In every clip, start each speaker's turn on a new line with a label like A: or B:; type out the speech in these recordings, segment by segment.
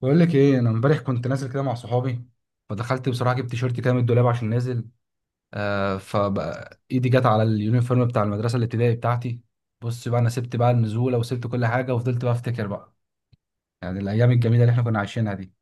A: بقول لك ايه. انا امبارح كنت نازل كده مع صحابي، فدخلت بصراحه جبت تيشيرت كده من الدولاب عشان نازل. فبقى ايدي جت على اليونيفورم بتاع المدرسه الابتدائي بتاعتي. بص بقى، انا سبت بقى النزوله وسبت كل حاجه وفضلت بقى افتكر بقى يعني الايام الجميله اللي احنا كنا عايشينها دي.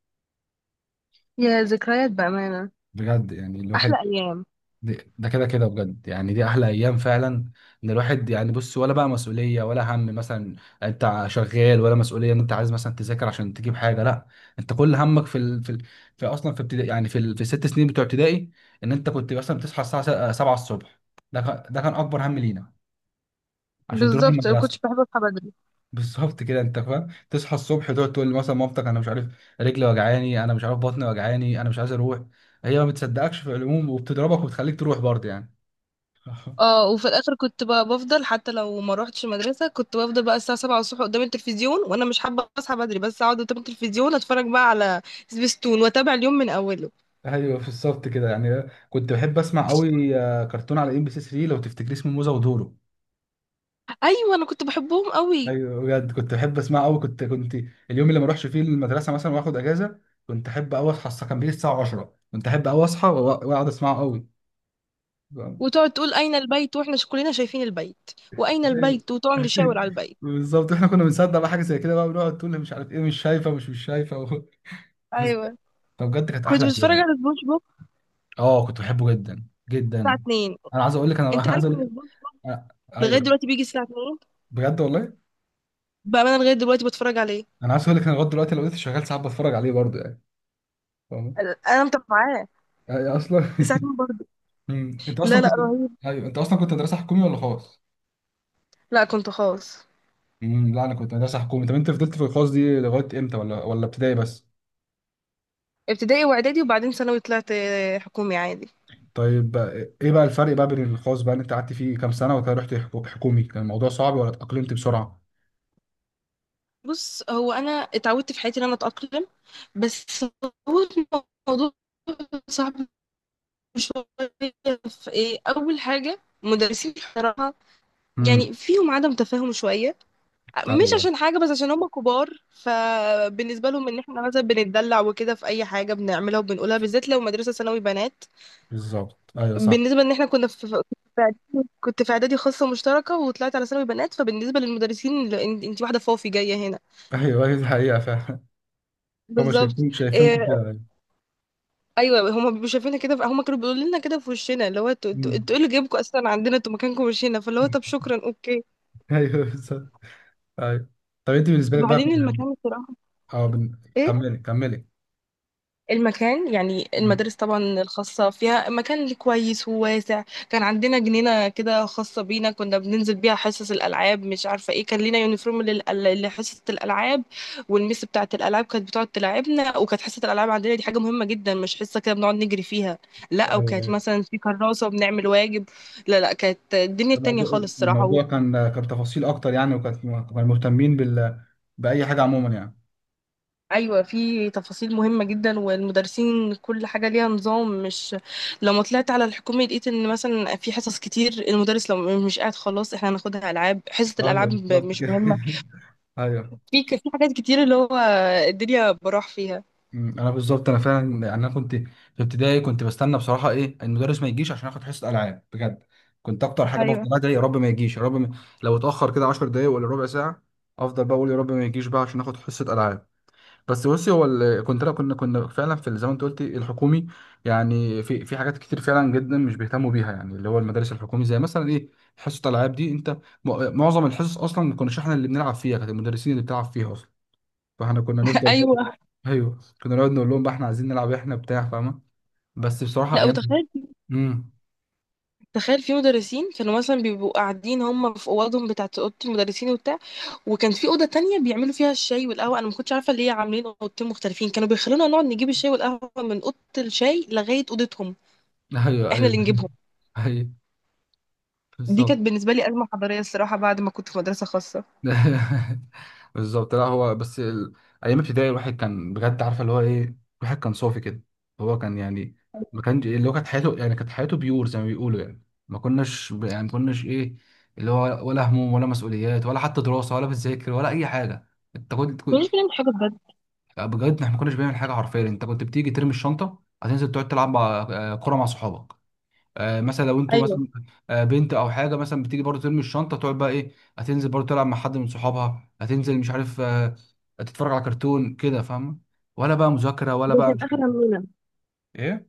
B: يا ذكريات بأمانة.
A: بجد يعني
B: أحلى
A: الواحد.
B: أيام.
A: ده كده كده، بجد يعني دي احلى ايام فعلا. ان الواحد يعني، بص، ولا بقى مسؤوليه ولا هم مثلا. انت شغال، ولا مسؤوليه ان انت عايز مثلا تذاكر عشان تجيب حاجه، لا. انت كل همك في اصلا، في ابتدائي يعني، في الست سنين بتوع ابتدائي، ان انت كنت مثلا بتصحى الساعه 7 الصبح. ده كان اكبر هم لينا، عشان تروح
B: بالظبط أنا
A: المدرسه.
B: كنتش بحب أصحى بدري.
A: بالظبط كده، انت فاهم، تصحى الصبح تقعد تقول مثلا مامتك انا مش عارف رجلي وجعاني، انا مش عارف بطني وجعاني، انا مش عايز اروح. هي ما بتصدقكش في العموم، وبتضربك وبتخليك تروح برضه يعني.
B: اه وفي الآخر كنت بقى بفضل حتى لو ما روحتش المدرسة، كنت بفضل بقى الساعة 7 الصبح قدام التلفزيون، وأنا مش حابة أصحى بدري بس أقعد قدام التلفزيون أتفرج بقى على سبيستون وأتابع اليوم من أوله.
A: ايوه بالظبط كده يعني. كنت بحب اسمع قوي، كرتون على ام بي سي 3، لو تفتكري اسمه موزه ودورو.
B: أيوة، أنا كنت بحبهم قوي.
A: ايوه بجد كنت بحب اسمع قوي. كنت كنت اليوم اللي ما اروحش فيه المدرسه مثلا واخد اجازه، كنت احب قوي اصحى الساعه- كان بيجي الساعه 10، كنت احب قوي اصحى واقعد اسمعه قوي.
B: وتقعد تقول أين البيت وإحنا كلنا شايفين البيت، وأين
A: ايوه.
B: البيت وتقعد نشاور على البيت.
A: بالظبط. احنا كنا بنصدق بقى حاجه زي كده بقى، بنقعد تقول لي مش عارف ايه، مش شايفه، مش شايفه.
B: أيوة،
A: فبجد كانت
B: كنت
A: احلى
B: بتفرج
A: ايام.
B: على سبونج بوب
A: اه كنت بحبه جدا
B: الساعة
A: جدا.
B: 2.
A: انا عايز اقول لك
B: أنت عارف إن سبونج
A: أنا-
B: لغاية
A: ايوه.
B: دلوقتي بيجي الساعة 2؟
A: بجد والله.
B: بأمانة لغاية دلوقتي بتفرج عليه.
A: انا عايز اقول لك، انا لغايه دلوقتي لو لسه شغال ساعات بتفرج عليه برضه يعني. فاهم؟
B: انا متابعاه
A: يعني اصلا
B: ساعتين برضه.
A: انت اصلا
B: لا لا،
A: كنت.
B: رهيب.
A: ايوه انت اصلا كنت مدرسه حكومي ولا خاص؟
B: لا، كنت خاص.
A: لا انا كنت مدرسه حكومي. طب انت فضلت في الخاص دي لغايه امتى، ولا ابتدائي بس؟
B: ابتدائي واعدادي وبعدين ثانوي طلعت حكومي عادي.
A: طيب بقى. ايه بقى الفرق بقى بين الخاص بقى، اللي انت قعدت فيه كام سنه وكده رحت حكومي؟ كان الموضوع صعب ولا اتاقلمت بسرعه؟
B: بص، هو انا اتعودت في حياتي ان انا اتاقلم. بس هو الموضوع صعب شويه. في ايه؟ اول حاجه مدرسين بصراحه،
A: امم
B: يعني فيهم عدم تفاهم شويه. مش
A: ايوه
B: عشان حاجه، بس عشان هم كبار، فبالنسبه لهم ان احنا مثلا بنتدلع وكده في اي حاجه بنعملها وبنقولها، بالذات لو مدرسه ثانوي بنات.
A: بالظبط. ايوه صح.
B: بالنسبة ان احنا كنا كنت في اعدادي خاصة مشتركة وطلعت على ثانوي بنات، فبالنسبة للمدرسين لا، انتي واحدة فوفي جاية هنا.
A: ايوه، أيوة، دي حقيقه فعلا. هم
B: بالظبط.
A: شايفينكم
B: إيه.
A: كده يعني.
B: ايوه، هما بيبقوا شايفينها كده، هما كانوا بيقولوا لنا كده في وشنا اللي هو انتوا
A: أمم.
B: ايه اللي جايبكم اصلا عندنا، انتوا مكانكم مش هنا، فاللي هو طب شكرا اوكي.
A: ايوه بالظبط. ايوه. طب انت بالنسبه لك بقى.
B: وبعدين المكان الصراحة.
A: اه،
B: ايه.
A: كملي كملي.
B: المكان يعني
A: مم.
B: المدارس طبعا الخاصة فيها مكان كويس وواسع. كان عندنا جنينة كده خاصة بينا، كنا بننزل بيها حصص الألعاب، مش عارفة ايه، كان لينا يونيفورم لحصة الألعاب، والميس بتاعة الألعاب كانت بتقعد تلعبنا، وكانت حصة الألعاب عندنا دي حاجة مهمة جدا، مش حصة كده بنقعد نجري فيها. لا،
A: ايوه
B: وكانت
A: ايوه.
B: مثلا في كراسة وبنعمل واجب. لا لا، كانت الدنيا التانية
A: الموضوع
B: خالص الصراحة.
A: الموضوع كان تفاصيل اكتر يعني، وكان كانوا مهتمين باي حاجه عموما يعني.
B: ايوه، في تفاصيل مهمه جدا، والمدرسين كل حاجه ليها نظام، مش. لما طلعت على الحكومه لقيت ان مثلا في حصص كتير المدرس لو مش قاعد خلاص احنا هناخدها العاب، حصه
A: ايوه
B: الالعاب
A: بالظبط
B: مش
A: كده
B: مهمه.
A: ايوه.
B: في حاجات كتير اللي هو الدنيا براح فيها.
A: مم. انا بالظبط، انا فعلا يعني، انا كنت في ابتدائي كنت بستنى بصراحه ايه المدرس ما يجيش عشان اخد حصه العاب بجد. كنت اكتر حاجه
B: ايوه.
A: بفضل ادعي، يا رب ما يجيش، يا رب ما... لو اتاخر كده 10 دقايق ولا ربع ساعه، افضل بقى اقول يا رب ما يجيش بقى عشان اخد حصه العاب. بس بصي، كنت، لا، كنا فعلا زي ما انت قلتي، الحكومي يعني، في حاجات كتير فعلا جدا مش بيهتموا بيها يعني، اللي هو المدارس الحكومي، زي مثلا ايه، حصه الالعاب دي انت معظم الحصص اصلا ما كناش احنا اللي بنلعب فيها، كانت المدرسين اللي بتلعب فيها اصلا. فاحنا كنا نفضل بقى.
B: ايوه.
A: ايوه كنا نقعد نقول لهم بقى احنا عايزين نلعب، احنا بتاع، فاهمه. بس بصراحه
B: لا،
A: ايام...
B: وتخيل،
A: امم.
B: تخيل في مدرسين كانوا مثلا بيبقوا قاعدين هم في اوضهم بتاعه اوضه المدرسين وبتاع، وكان في اوضه تانية بيعملوا فيها الشاي والقهوه، انا ما كنتش عارفه ليه عاملين اوضتين مختلفين، كانوا بيخلونا نقعد نجيب الشاي والقهوه من اوضه الشاي لغايه اوضتهم.
A: ايوه
B: إحنا
A: ايوه
B: اللي نجيبهم.
A: ايوه
B: دي
A: بالظبط.
B: كانت بالنسبة لي أزمة حضارية الصراحة، بعد ما كنت في مدرسة خاصة.
A: بالظبط. لا هو بس ايام ابتدائي الواحد كان بجد عارفه اللي هو ايه. الواحد كان صافي كده. هو كان يعني، ما كانش اللي هو كانت حياته يعني، كانت حياته بيور زي ما بيقولوا يعني. ما كناش يعني ما كناش ايه، اللي هو ولا هموم ولا مسؤوليات ولا حتى دراسه ولا بتذاكر ولا اي حاجه. انت كنت كنت-
B: مش بنعمل حاجة بجد.
A: بجد احنا ما كناش بنعمل حاجه حرفيا. انت كنت بتيجي ترمي الشنطه، هتنزل تقعد تلعب مع... كوره مع صحابك. مثلا لو انتوا
B: ايوه،
A: مثلا. بنت او حاجه مثلا، بتيجي برضه ترمي الشنطه تقعد بقى، ايه، هتنزل برضه تلعب مع حد من صحابها. هتنزل، مش عارف، تتفرج على كرتون كده، فاهمه. ولا بقى مذاكره ولا
B: ده
A: بقى
B: كان
A: مش
B: آخر
A: عارف
B: همنا.
A: ايه.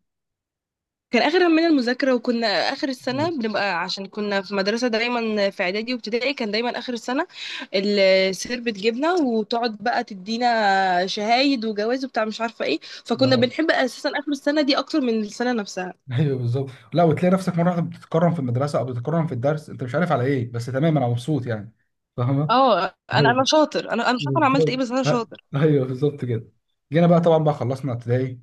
B: كان اخر همنا المذاكره، وكنا اخر السنه بنبقى عشان كنا في مدرسه دايما، في اعدادي وابتدائي كان دايما اخر السنه السير بتجيبنا، وتقعد بقى تدينا شهايد وجواز وبتاع مش عارفه ايه. فكنا
A: اه،
B: بنحب اساسا اخر السنه دي اكتر من السنه نفسها.
A: ايوه بالظبط. لا، وتلاقي نفسك مره واحده بتتكرم في المدرسه او بتتكرم في الدرس، انت مش عارف على ايه، بس تمام انا مبسوط يعني. فاهمه.
B: اه، انا
A: ايوه
B: شاطر، انا مش عارفه انا عملت ايه
A: بالظبط
B: بس انا شاطر.
A: ايوه بالظبط كده. جينا بقى طبعا، بقى خلصنا ابتدائي.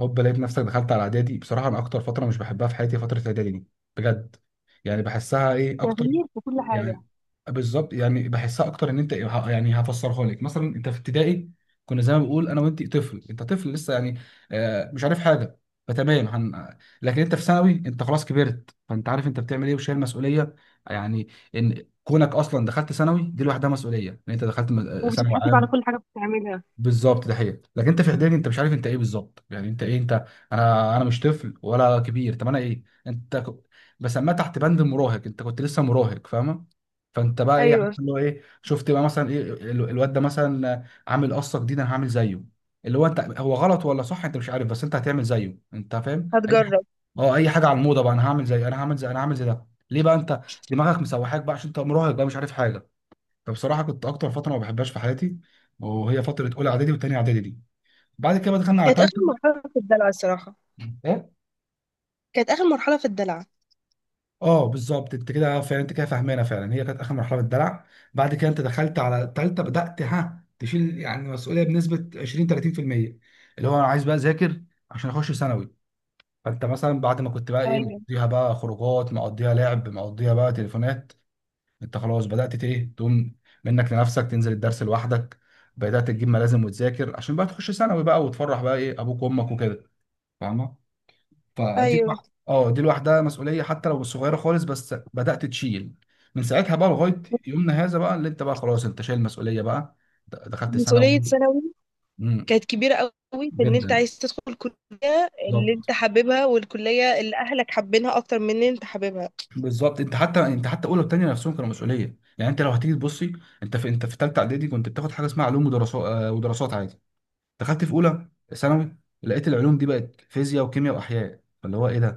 A: هوب، لقيت نفسك دخلت على اعدادي. بصراحه انا اكتر فتره مش بحبها في حياتي فتره اعدادي دي. بجد. يعني بحسها ايه اكتر
B: تغيير في كل حاجة.
A: يعني. بالظبط، يعني بحسها اكتر ان انت يعني هفسرها لك. مثلا انت في ابتدائي، كنا زي ما بقول، انا وانت طفل، انت طفل لسه يعني، مش عارف حاجه. فتمام لكن انت في ثانوي انت خلاص كبرت، فانت عارف انت بتعمل ايه وشايل مسؤوليه يعني. ان كونك اصلا دخلت ثانوي دي لوحدها مسؤوليه، ان انت دخلت ثانوي
B: وبتتحاسب على
A: عام.
B: كل حاجة بتعملها.
A: بالظبط، ده حقيقة. لكن انت في اعدادي انت مش عارف انت ايه بالظبط، يعني انت ايه انت. انا انا مش طفل ولا كبير، طب انا ايه؟ بسميها تحت بند المراهق. انت كنت لسه مراهق، فاهمه. فانت بقى ايه، عارف
B: ايوه،
A: اللي هو ايه، شفت بقى مثلا ايه الواد ده مثلا عامل قصه جديده، انا هعمل زيه. اللي هو انت، هو غلط ولا صح انت مش عارف، بس انت هتعمل زيه، انت فاهم اي حاجه.
B: هتجرب.
A: اه، اي حاجه على الموضه بقى، انا هعمل زي، انا هعمل زي، انا هعمل زي ده، ليه بقى؟ انت دماغك مسوحاك بقى عشان انت مراهق بقى، مش عارف حاجه. فبصراحه كنت اكتر فتره ما بحبهاش في حياتي، وهي فتره اولى اعدادي وثانيه اعدادي دي. بعد كده بقى دخلنا على
B: كانت آخر
A: ثالثه.
B: مرحلة في الدلع الصراحة.
A: ايه؟
B: كانت آخر مرحلة في الدلع.
A: اه بالظبط، انت كده فعلا، انت كده فاهمانه فعلا، هي كانت اخر مرحله في الدلع. بعد كده انت دخلت على ثالثه، بدات ها تشيل يعني مسؤوليه بنسبه 20 30%، اللي هو انا عايز بقى اذاكر عشان اخش ثانوي. فانت مثلا بعد ما كنت بقى، ايه،
B: ايوه،
A: مقضيها بقى خروجات، مقضيها لعب، مقضيها بقى تليفونات، انت خلاص بدأت ايه، تقوم منك لنفسك تنزل الدرس لوحدك. بدأت تجيب ملازم وتذاكر عشان بقى تخش ثانوي بقى وتفرح بقى ايه ابوك وامك وكده، فاهمه. فدي
B: أيوه.
A: الواحده، اه، دي لوحدها مسؤوليه حتى لو صغيره خالص، بس بدأت تشيل من ساعتها بقى لغايه يومنا هذا بقى، اللي انت بقى خلاص انت شايل مسؤوليه بقى. دخلت
B: مسؤولية
A: ثانوي.
B: ثانوي
A: امم.
B: كانت كبيرة قوي، في إن أنت
A: جدا.
B: عايز تدخل الكلية اللي
A: بالظبط.
B: أنت حاببها، والكلية اللي أهلك حابينها أكتر من إن أنت حاببها.
A: بالظبط، انت حتى، انت حتى اولى وثانيه نفسهم كانوا مسؤوليه يعني. انت لو هتيجي تبصي، انت في ثالثه اعدادي كنت بتاخد حاجه اسمها علوم ودراسات، ودراسات عادي. دخلت في اولى ثانوي، لقيت العلوم دي بقت فيزياء وكيمياء واحياء، فاللي هو ايه ده،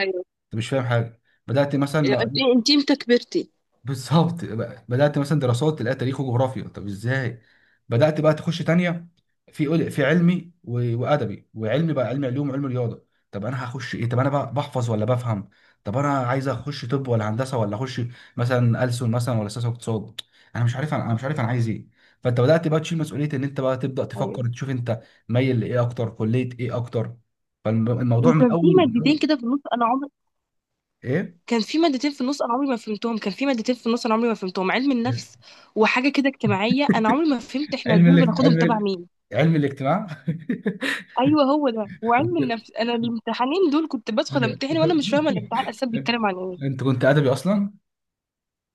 B: ايوه،
A: انت مش فاهم حاجه. بدات مثلا
B: انت انت امتى كبرتي؟
A: بالظبط بقى، بدأت مثلا دراسات تلاقي تاريخ وجغرافيا، طب ازاي. بدأت بقى تخش تانية، في في علمي وأدبي، وعلمي بقى علمي علوم وعلم رياضة. طب أنا هخش إيه؟ طب أنا بقى بحفظ ولا بفهم؟ طب أنا عايز أخش طب ولا هندسة، ولا أخش مثلا ألسن مثلا، ولا سياسة واقتصاد؟ أنا مش عارف. أنا مش عارف أنا عايز إيه. فأنت بدأت بقى تشيل مسؤولية، إن أنت بقى تبدأ
B: ايوه،
A: تفكر تشوف أنت مايل لإيه أكتر، كلية إيه أكتر. فالموضوع من
B: وكان
A: أول،
B: في
A: من
B: مادتين
A: أول.
B: كده في النص انا عمري،
A: إيه؟
B: كان في مادتين في النص انا عمري ما فهمتهم، كان في مادتين في النص انا عمري ما فهمتهم، علم النفس وحاجه كده اجتماعيه، انا عمري ما فهمت احنا
A: علم
B: دول بناخدهم
A: علم
B: تبع مين.
A: علم الاجتماع.
B: ايوه، هو ده، وعلم النفس، انا الامتحانين دول كنت بدخل
A: أيوة.
B: امتحن وانا مش فاهمه الامتحان اساسا بيتكلم عن ايه.
A: انت كنت ادبي اصلا؟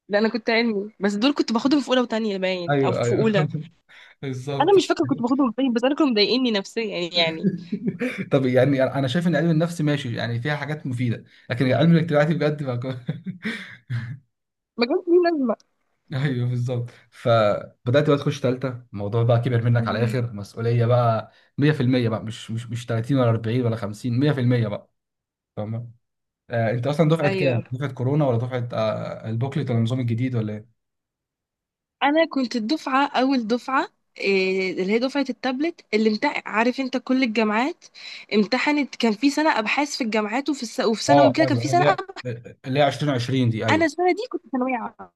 B: لا، انا كنت علمي بس دول كنت باخدهم في اولى وتانية، باين او
A: ايوه
B: في
A: ايوه
B: اولى. انا
A: بالظبط.
B: مش فاكره كنت باخدهم فين، بس انا كانوا مضايقني نفسيا يعني.
A: طب يعني انا شايف ان علم النفس ماشي، يعني فيها حاجات مفيده، لكن علم الاجتماعي بجد ما كان-
B: ما كانش ليه لازمه.
A: ايوه بالظبط. فبدات بقى تخش ثالثه، الموضوع بقى كبر منك على الاخر مسؤوليه بقى، 100% بقى. مش 30 ولا 40 ولا 50، 100% بقى، فاهم. آه، انت اصلا دفعه كام،
B: ايوه،
A: دفعه كورونا ولا دفعه البوكلت ولا النظام الجديد ولا ايه؟
B: انا كنت الدفعه، اول دفعه. اللي هي دفعه التابلت اللي امتحن، عارف انت كل الجامعات امتحنت، كان في سنه ابحاث في الجامعات وفي ثانوي
A: اه
B: وكده، كان
A: ايوه،
B: في
A: اللي
B: سنه
A: هي اللي هي 2020 دي،
B: انا
A: ايوه.
B: السنه دي كنت ثانويه عامه.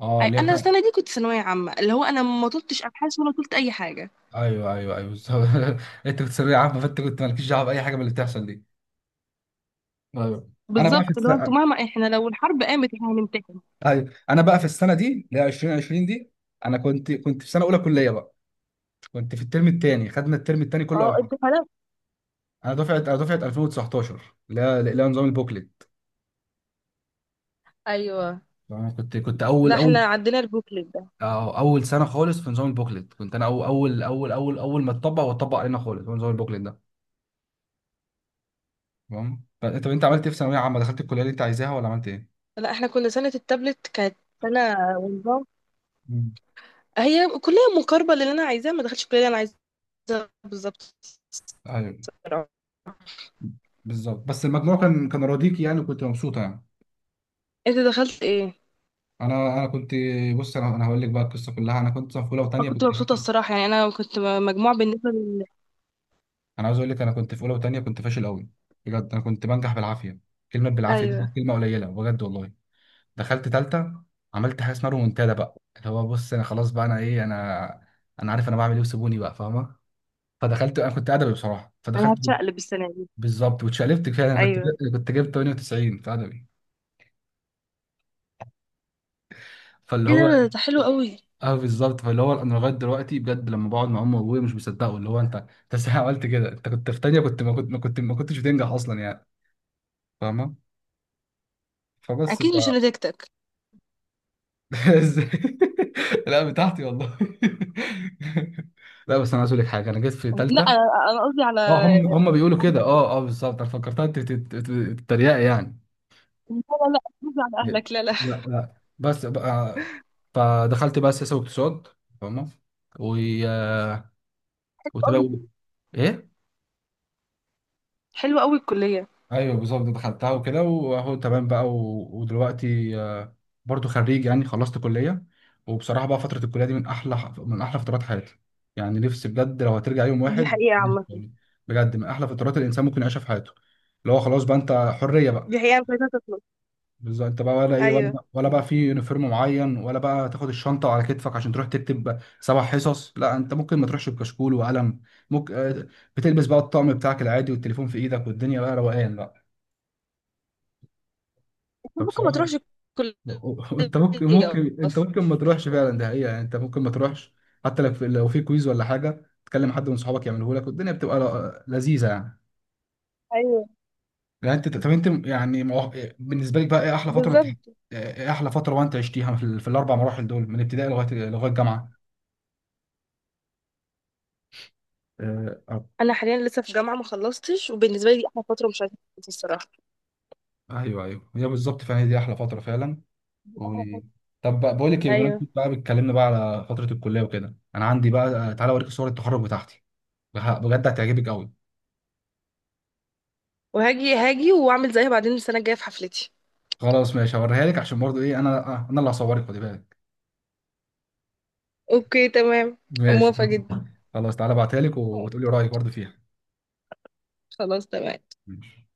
A: اه اللي
B: انا
A: هي،
B: السنه دي كنت ثانويه عامه اللي هو انا ما طلتش ابحاث ولا طلت اي حاجه.
A: ايوه ايوه ايوه بالظبط. انت كنت ثانويه عامه، فانت كنت مالكش دعوه باي حاجه من اللي بتحصل دي. ايوه انا بقى في
B: بالظبط، اللي هو انتوا
A: السنه.
B: مهما احنا لو الحرب قامت احنا هنمتحن.
A: ايوه انا بقى في السنه دي اللي هي 2020 دي، انا كنت في سنه اولى كليه بقى، كنت في الترم الثاني، خدنا الترم الثاني كله
B: اه،
A: اول حاجه.
B: امتحانات.
A: انا دفعه، 2019 اللي هي، نظام البوكلت،
B: ايوه.
A: فانا كنت
B: لا،
A: اول اول،
B: احنا عندنا البوكلت ده.
A: اول سنه خالص في نظام البوكلت، كنت انا اول اول اول اول اول ما اتطبق علينا خالص هو نظام البوكلت ده. تمام. فانت، طب انت عملت ايه في ثانويه عامه؟ دخلت الكليه اللي انت عايزاها ولا عملت ايه؟
B: لا، احنا كنا سنه التابلت، كانت سنه ونظام.
A: مم.
B: هي كليه مقاربه للي انا عايزاه، ما دخلتش الكليه اللي انا عايزاها بالظبط
A: ايوه
B: الصراحة.
A: بالظبط. بس المجموع كان راضيكي يعني، وكنت مبسوطه يعني.
B: انت دخلت ايه؟
A: انا كنت. بص، انا هقول لك بقى القصه كلها. انا كنت في اولى
B: اه،
A: وثانيه
B: كنت
A: كنت
B: مبسوطه
A: فاشل.
B: الصراحه يعني، انا كنت مجموعه بالنسبه لل.
A: انا عاوز اقول لك، انا كنت في اولى وثانيه كنت فاشل قوي. بجد انا كنت بنجح بالعافيه، كلمه بالعافيه دي
B: ايوه،
A: كانت كلمه قليله بجد والله. دخلت ثالثه، عملت حاجه اسمها رومونتادا بقى، اللي هو بص انا خلاص بقى، انا ايه انا، انا عارف انا بعمل ايه وسيبوني بقى فاهمه. فدخلت، انا كنت ادبي بصراحه،
B: انا
A: فدخلت.
B: هتشقلب السنه دي.
A: بالظبط، واتشقلبت كده. انا كنت
B: ايوه.
A: كنت جبت 98 في ادبي، فاللي
B: ايه
A: هو.
B: ده حلو قوي.
A: اه بالظبط، فاللي هو انا لغايه دلوقتي بجد لما بقعد مع امي وابويا مش بيصدقوا اللي هو، انت انت ازاي عملت كده؟ انت كنت في تانية كنت ما كنت ما كنت ما كنتش بتنجح اصلا يعني، فاهمه. فبس ف.
B: اكيد مش نتيجتك.
A: ازاي؟ لا بتاعتي والله. لا بس انا عايز اقول لك حاجه، انا جيت في
B: لا،
A: تالتة.
B: أنا قصدي على
A: اه، هم
B: اهلك.
A: هم بيقولوا كده. اه اه بالظبط، انا فكرتها تريقه يعني.
B: لا لا. لا، قصدي على
A: لا.
B: اهلك. لا لا.
A: لا بس بقى، فدخلت بقى سياسه واقتصاد، فاهمه. و...
B: حلوة
A: وتبقى.
B: قوي.
A: ايه؟
B: حلوة قوي الكلية.
A: ايوه بالظبط، دخلتها وكده، واهو تمام بقى. و... ودلوقتي برضو خريج يعني، خلصت كليه. وبصراحه بقى فتره الكليه دي من احلى، من احلى فترات حياتي يعني. نفسي بجد لو هترجع يوم
B: دي
A: واحد
B: حقيقة عامة.
A: يعني. بجد من احلى فترات الانسان ممكن يعيشها في حياته، اللي هو خلاص بقى انت حريه بقى.
B: دي حقيقة مش عايزة تخلص.
A: بالظبط، انت بقى ولا ايه،
B: ايوه،
A: ولا بقى في يونيفورم معين، ولا بقى تاخد الشنطه على كتفك عشان تروح تكتب سبع حصص. لا، انت ممكن ما تروحش بكشكول وقلم. ممكن بتلبس بقى الطقم بتاعك العادي والتليفون في ايدك والدنيا بقى روقان بقى.
B: انت ممكن ما
A: فبصراحة،
B: تروحش الكلية.
A: انت ممكن، انت ممكن ما تروحش فعلا، ده حقيقة يعني، انت ممكن ما تروحش حتى لو في، كويز ولا حاجة، تكلم حد من صحابك يعمله لك والدنيا بتبقى لذيذة يعني.
B: ايوه
A: يعني انت، طب انت يعني بالنسبة لك بقى ايه احلى فترة انت،
B: بالظبط.
A: ايه احلى فترة وانت عشتيها في الاربع مراحل دول من ابتدائي لغاية، الجامعة؟ اه، اه،
B: انا حاليا لسه في جامعة ما خلصتش، وبالنسبة لي دي احلى فترة، مش عايزة اخلص الصراحة.
A: ايوه ايوه، هي بالظبط فعلا هي دي احلى فترة فعلا.
B: دي
A: و...
B: أحلى فترة.
A: طب بقى، بقول لك ايه،
B: ايوه،
A: بمناسبة بقى بتكلمنا بقى على فترة الكلية وكده، انا عندي بقى، تعالى اوريك صور التخرج بتاعتي. بجد هتعجبك قوي.
B: وهاجي هاجي واعمل زيها بعدين السنة الجاية في حفلتي.
A: خلاص ماشي، هوريها لك، عشان برضو ايه، انا انا اللي هصورك، خدي بالك.
B: اوكي تمام.
A: ماشي.
B: موافقة جدا.
A: خلاص تعالى ابعتها لك وتقولي رايك برضو فيها.
B: خلاص تمام.
A: ماشي.